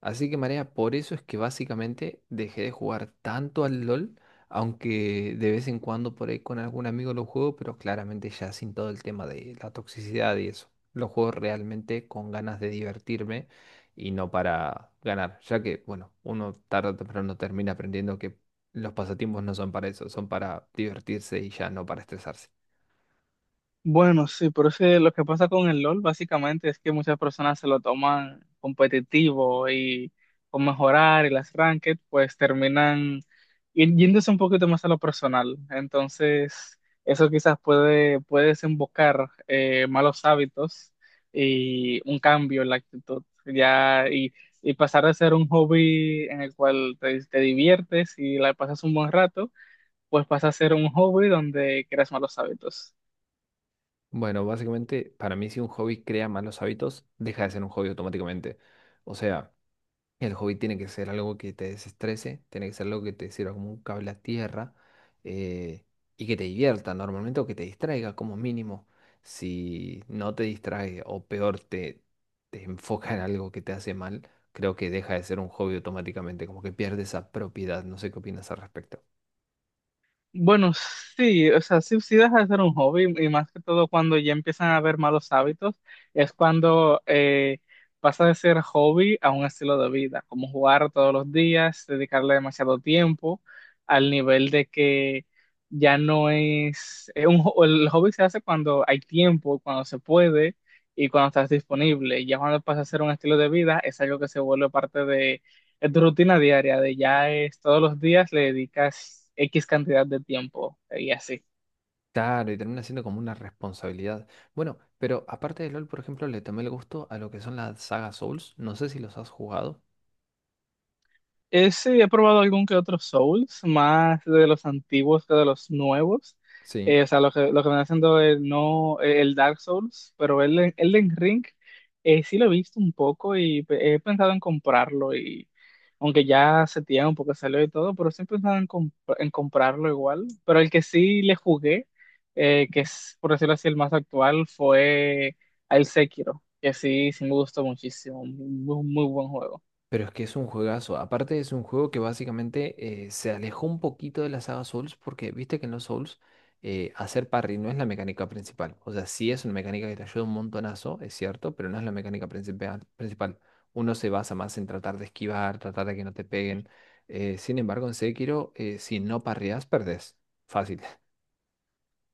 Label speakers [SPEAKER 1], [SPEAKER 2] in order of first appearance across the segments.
[SPEAKER 1] Así que Marea, por eso es que básicamente dejé de jugar tanto al LOL, aunque de vez en cuando por ahí con algún amigo lo juego, pero claramente ya sin todo el tema de la toxicidad y eso. Lo juego realmente con ganas de divertirme y no para ganar, ya que, bueno, uno tarde o temprano termina aprendiendo que los pasatiempos no son para eso, son para divertirse y ya no para estresarse.
[SPEAKER 2] Bueno, sí, pero es que lo que pasa con el LOL básicamente es que muchas personas se lo toman competitivo y con mejorar y las ranked, pues terminan yéndose un poquito más a lo personal. Entonces, eso quizás puede desembocar malos hábitos y un cambio en la actitud. Ya, y pasar de ser un hobby en el cual te diviertes y la pasas un buen rato, pues pasa a ser un hobby donde creas malos hábitos.
[SPEAKER 1] Bueno, básicamente para mí si un hobby crea malos hábitos, deja de ser un hobby automáticamente. O sea... El hobby tiene que ser algo que te desestrese, tiene que ser algo que te sirva como un cable a tierra, eh, y que te divierta normalmente o que te distraiga como mínimo. Si no te distrae o peor te enfoca en algo que te hace mal, creo que deja de ser un hobby automáticamente, como que pierde esa propiedad. No sé qué opinas al respecto.
[SPEAKER 2] Bueno, sí, o sea, sí, sí deja de ser un hobby y más que todo cuando ya empiezan a haber malos hábitos, es cuando pasa de ser hobby a un estilo de vida, como jugar todos los días, dedicarle demasiado tiempo al nivel de que ya no es, es el hobby se hace cuando hay tiempo, cuando se puede y cuando estás disponible. Ya cuando pasa a ser un estilo de vida, es algo que se vuelve parte, es tu rutina diaria, de ya es todos los días le dedicas X cantidad de tiempo y así.
[SPEAKER 1] Claro, y termina siendo como una responsabilidad. Bueno, pero aparte de LOL, por ejemplo, le tomé el gusto a lo que son las sagas Souls. No sé si los has jugado.
[SPEAKER 2] Sí, he probado algún que otro Souls, más de los antiguos que de los nuevos.
[SPEAKER 1] Sí.
[SPEAKER 2] O sea, lo que me haciendo el, no, el Dark Souls, pero el Elden Ring sí lo he visto un poco y he pensado en comprarlo. Y aunque ya hace tiempo que salió y todo, pero sí he pensado en, en comprarlo igual. Pero el que sí le jugué, que es por decirlo así el más actual, fue el Sekiro, que sí, sí me gustó muchísimo. Muy, muy buen juego.
[SPEAKER 1] Pero es que es un juegazo. Aparte es un juego que básicamente se alejó un poquito de la saga Souls porque viste que en los Souls hacer parry no es la mecánica principal. O sea, sí es una mecánica que te ayuda un montonazo, es cierto, pero no es la mecánica principal. Uno se basa más en tratar de esquivar, tratar de que no te peguen. Sin embargo, en Sekiro, si no parreas, perdés. Fácil.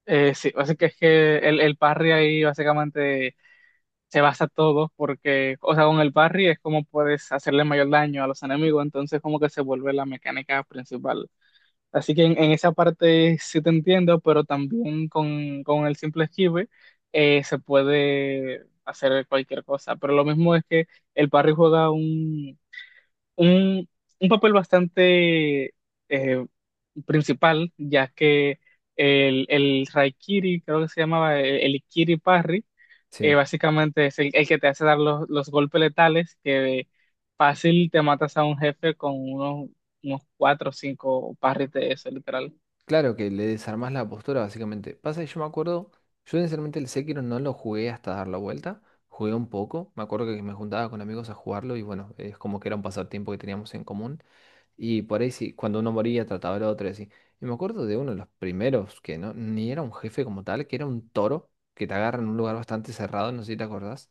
[SPEAKER 2] Sí, así que es que el parry ahí básicamente se basa todo, porque, o sea, con el parry es como puedes hacerle mayor daño a los enemigos, entonces como que se vuelve la mecánica principal. Así que en esa parte sí te entiendo, pero también con el simple esquive se puede hacer cualquier cosa. Pero lo mismo es que el parry juega un, un papel bastante eh, principal, ya que el Raikiri, creo que se llamaba Ikiri Parry,
[SPEAKER 1] Sí.
[SPEAKER 2] básicamente es el que te hace dar los golpes letales, que fácil te matas a un jefe con unos, unos cuatro o cinco parries de eso, literal.
[SPEAKER 1] Claro que le desarmás la postura, básicamente. Pasa que yo me acuerdo, yo sinceramente el Sekiro no lo jugué hasta dar la vuelta, jugué un poco, me acuerdo que me juntaba con amigos a jugarlo y bueno, es como que era un pasatiempo que teníamos en común y por ahí sí, cuando uno moría trataba al otro y así. Y me acuerdo de uno de los primeros, que no, ni era un jefe como tal, que era un toro que te agarra en un lugar bastante cerrado, no sé si te acordás.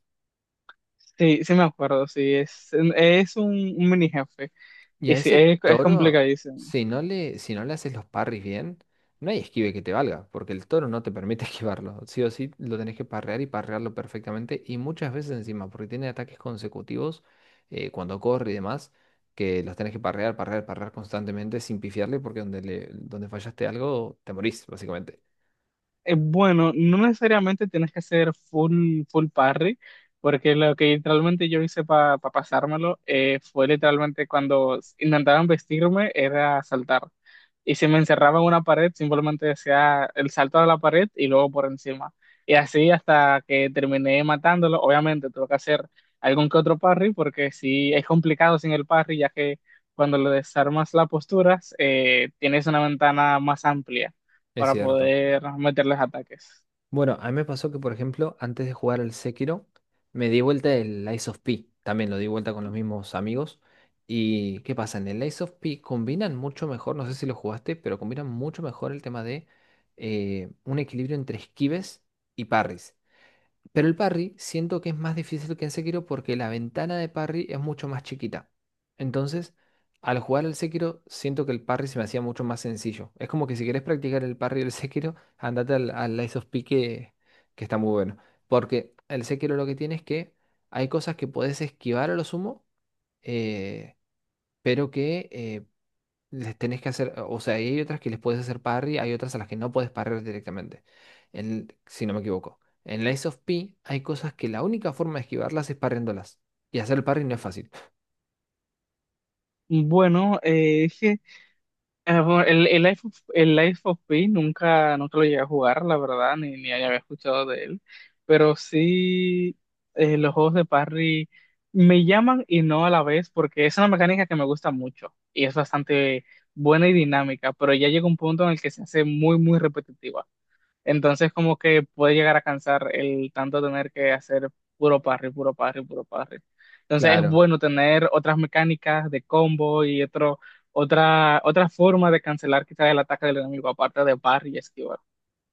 [SPEAKER 2] Sí, sí me acuerdo, sí, es un mini jefe,
[SPEAKER 1] Y
[SPEAKER 2] y
[SPEAKER 1] a
[SPEAKER 2] sí,
[SPEAKER 1] ese
[SPEAKER 2] es
[SPEAKER 1] toro,
[SPEAKER 2] complicadísimo.
[SPEAKER 1] si no si no le haces los parries bien, no hay esquive que te valga, porque el toro no te permite esquivarlo. Sí o sí lo tenés que parrear y parrearlo perfectamente, y muchas veces encima, porque tiene ataques consecutivos cuando corre y demás, que los tenés que parrear constantemente sin pifiarle, porque donde fallaste algo, te morís, básicamente.
[SPEAKER 2] Bueno, no necesariamente tienes que hacer full parry, porque lo que literalmente yo hice para pasármelo fue literalmente cuando intentaban vestirme era saltar. Y si me encerraba en una pared, simplemente decía el salto a la pared y luego por encima. Y así hasta que terminé matándolo. Obviamente tuve que hacer algún que otro parry, porque sí es complicado sin el parry, ya que cuando le desarmas las posturas, tienes una ventana más amplia
[SPEAKER 1] Es
[SPEAKER 2] para
[SPEAKER 1] cierto.
[SPEAKER 2] poder meterles ataques.
[SPEAKER 1] Bueno, a mí me pasó que, por ejemplo, antes de jugar al Sekiro, me di vuelta el Lies of P. También lo di vuelta con los mismos amigos. ¿Y qué pasa? En el Lies of P combinan mucho mejor, no sé si lo jugaste, pero combinan mucho mejor el tema de un equilibrio entre esquives y parries. Pero el parry siento que es más difícil que en Sekiro porque la ventana de parry es mucho más chiquita. Entonces, al jugar al Sekiro, siento que el parry se me hacía mucho más sencillo. Es como que si querés practicar el parry del Sekiro, andate al Lies of P que está muy bueno. Porque el Sekiro lo que tiene es que hay cosas que podés esquivar a lo sumo, eh, pero que les tenés que hacer, o sea, hay otras que les puedes hacer parry, hay otras a las que no puedes parrear directamente, si no me equivoco. En la of P hay cosas que la única forma de esquivarlas es parriándolas. Y hacer el parry no es fácil.
[SPEAKER 2] Bueno, es que bueno, el el Life of Pi nunca, nunca lo llegué a jugar, la verdad, ni había escuchado de él, pero sí los juegos de parry me llaman y no a la vez, porque es una mecánica que me gusta mucho y es bastante buena y dinámica, pero ya llega un punto en el que se hace muy, muy repetitiva. Entonces, como que puede llegar a cansar el tanto tener que hacer puro parry, puro parry, puro parry. Entonces, es
[SPEAKER 1] Claro.
[SPEAKER 2] bueno tener otras mecánicas de combo y otra forma de cancelar quizás el ataque del enemigo, aparte de parry y esquivar.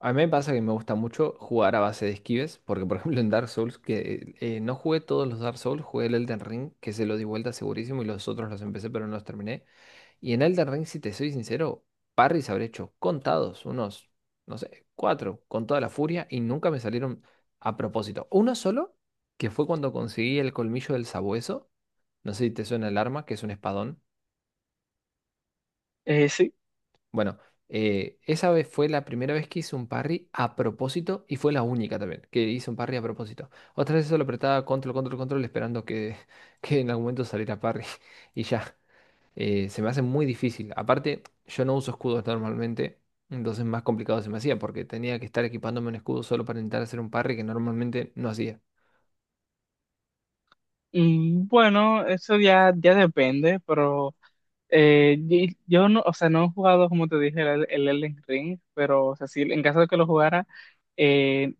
[SPEAKER 1] A mí me pasa que me gusta mucho jugar a base de esquives, porque por ejemplo en Dark Souls, que no jugué todos los Dark Souls, jugué el Elden Ring, que se lo di vuelta segurísimo y los otros los empecé pero no los terminé. Y en Elden Ring, si te soy sincero, parries habré hecho contados, unos, no sé, cuatro, con toda la furia, y nunca me salieron a propósito. Uno solo, que fue cuando conseguí el colmillo del sabueso. No sé si te suena el arma, que es un espadón.
[SPEAKER 2] Sí.
[SPEAKER 1] Bueno, esa vez fue la primera vez que hice un parry a propósito y fue la única también que hice un parry a propósito. Otras veces solo apretaba control esperando que, que en algún momento saliera parry y ya. Se me hace muy difícil. Aparte, yo no uso escudos normalmente, entonces más complicado se me hacía porque tenía que estar equipándome un escudo solo para intentar hacer un parry que normalmente no hacía.
[SPEAKER 2] Mm, bueno, eso ya, ya depende, pero yo no, o sea, no he jugado, como te dije, el Elden Ring, pero o sea, sí, en caso de que lo jugara, eh,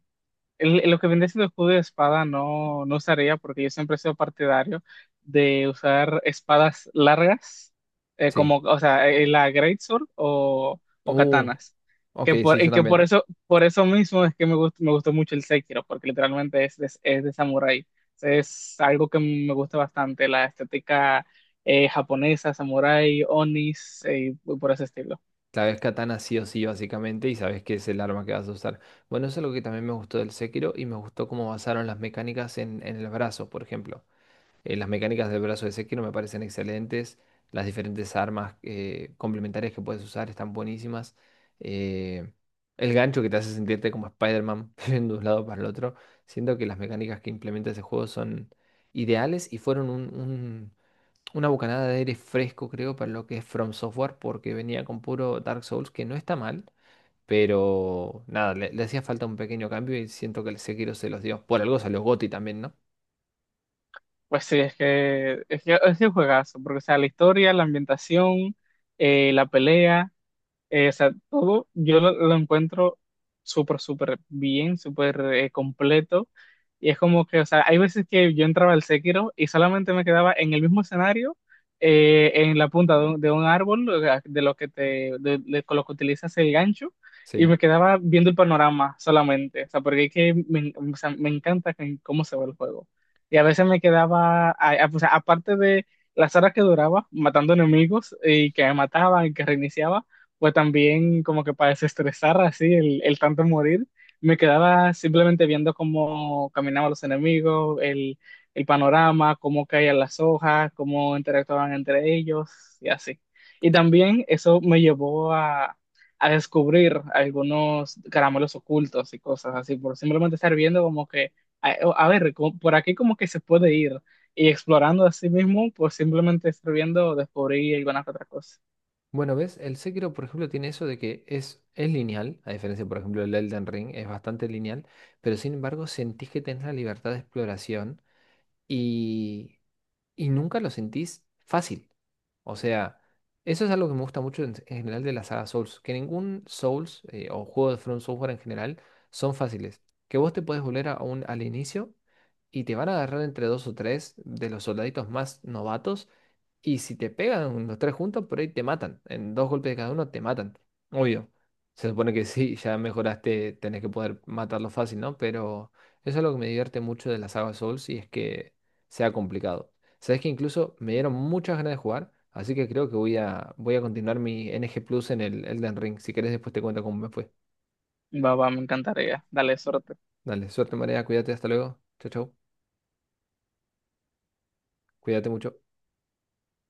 [SPEAKER 2] lo que viene siendo el escudo de espada no, no usaría porque yo siempre he sido partidario de usar espadas largas,
[SPEAKER 1] Sí.
[SPEAKER 2] como, o sea, la greatsword o
[SPEAKER 1] Uh,
[SPEAKER 2] katanas.
[SPEAKER 1] ok, sí, yo
[SPEAKER 2] Y que
[SPEAKER 1] también.
[SPEAKER 2] por eso mismo es que me gustó mucho el Sekiro, porque literalmente es de samurái. Es algo que me gusta bastante, la estética japonesa, samurái, onis, y por ese estilo.
[SPEAKER 1] Sabes katana sí o sí, básicamente, y sabes que es el arma que vas a usar. Bueno, eso es algo que también me gustó del Sekiro y me gustó cómo basaron las mecánicas en el brazo, por ejemplo. Las mecánicas del brazo de Sekiro me parecen excelentes. Las diferentes armas complementarias que puedes usar están buenísimas. Eh, el gancho que te hace sentirte como Spider-Man yendo de un lado para el otro. Siento que las mecánicas que implementa ese juego son ideales y fueron una bocanada de aire fresco, creo, para lo que es From Software, porque venía con puro Dark Souls, que no está mal. Pero nada, le hacía falta un pequeño cambio y siento que el Sekiro se los dio. Por algo salió GOTY también, ¿no?
[SPEAKER 2] Pues sí, es que es que es un juegazo, porque o sea, la historia, la ambientación, la pelea. O sea, todo yo lo encuentro súper, súper bien, súper completo. Y es como que, o sea, hay veces que yo entraba al Sekiro y solamente me quedaba en el mismo escenario, en la punta de de un árbol, o sea, de lo que te, con lo que utilizas el gancho, y me
[SPEAKER 1] Sí.
[SPEAKER 2] quedaba viendo el panorama solamente. O sea, porque es que me, o sea, me encanta que, cómo se ve el juego. Y a veces me quedaba, o sea, aparte de las horas que duraba matando enemigos y que me mataban y que reiniciaba o también como que para desestresar así el tanto morir, me quedaba simplemente viendo cómo caminaban los enemigos, el panorama, cómo caían las hojas, cómo interactuaban entre ellos y así. Y también eso me llevó a descubrir algunos caramelos ocultos y cosas así, por simplemente estar viendo como que, a, a ver, como, por aquí como que se puede ir. Y explorando a sí mismo, por simplemente estar viendo, descubrí alguna que otra cosa.
[SPEAKER 1] Bueno, ¿ves? El Sekiro, por ejemplo, tiene eso de que es lineal, a diferencia, por ejemplo, del Elden Ring, es bastante lineal, pero sin embargo sentís que tenés la libertad de exploración y y nunca lo sentís fácil. O sea, eso es algo que me gusta mucho en general de la saga Souls, que ningún Souls o juego de From Software en general son fáciles. Que vos te podés volver a un, al inicio y te van a agarrar entre dos o tres de los soldaditos más novatos y si te pegan los tres juntos, por ahí te matan. En dos golpes de cada uno te matan. Obvio. Se supone que sí, ya mejoraste, tenés que poder matarlo fácil, ¿no? Pero eso es lo que me divierte mucho de la saga Souls y es que sea complicado. Sabes que incluso me dieron muchas ganas de jugar, así que creo que voy a continuar mi NG Plus en el Elden Ring. Si querés, después te cuento cómo me fue.
[SPEAKER 2] Va, va, me encantaría. Dale, suerte.
[SPEAKER 1] Dale, suerte, María, cuídate, hasta luego. Chau, chau. Cuídate mucho.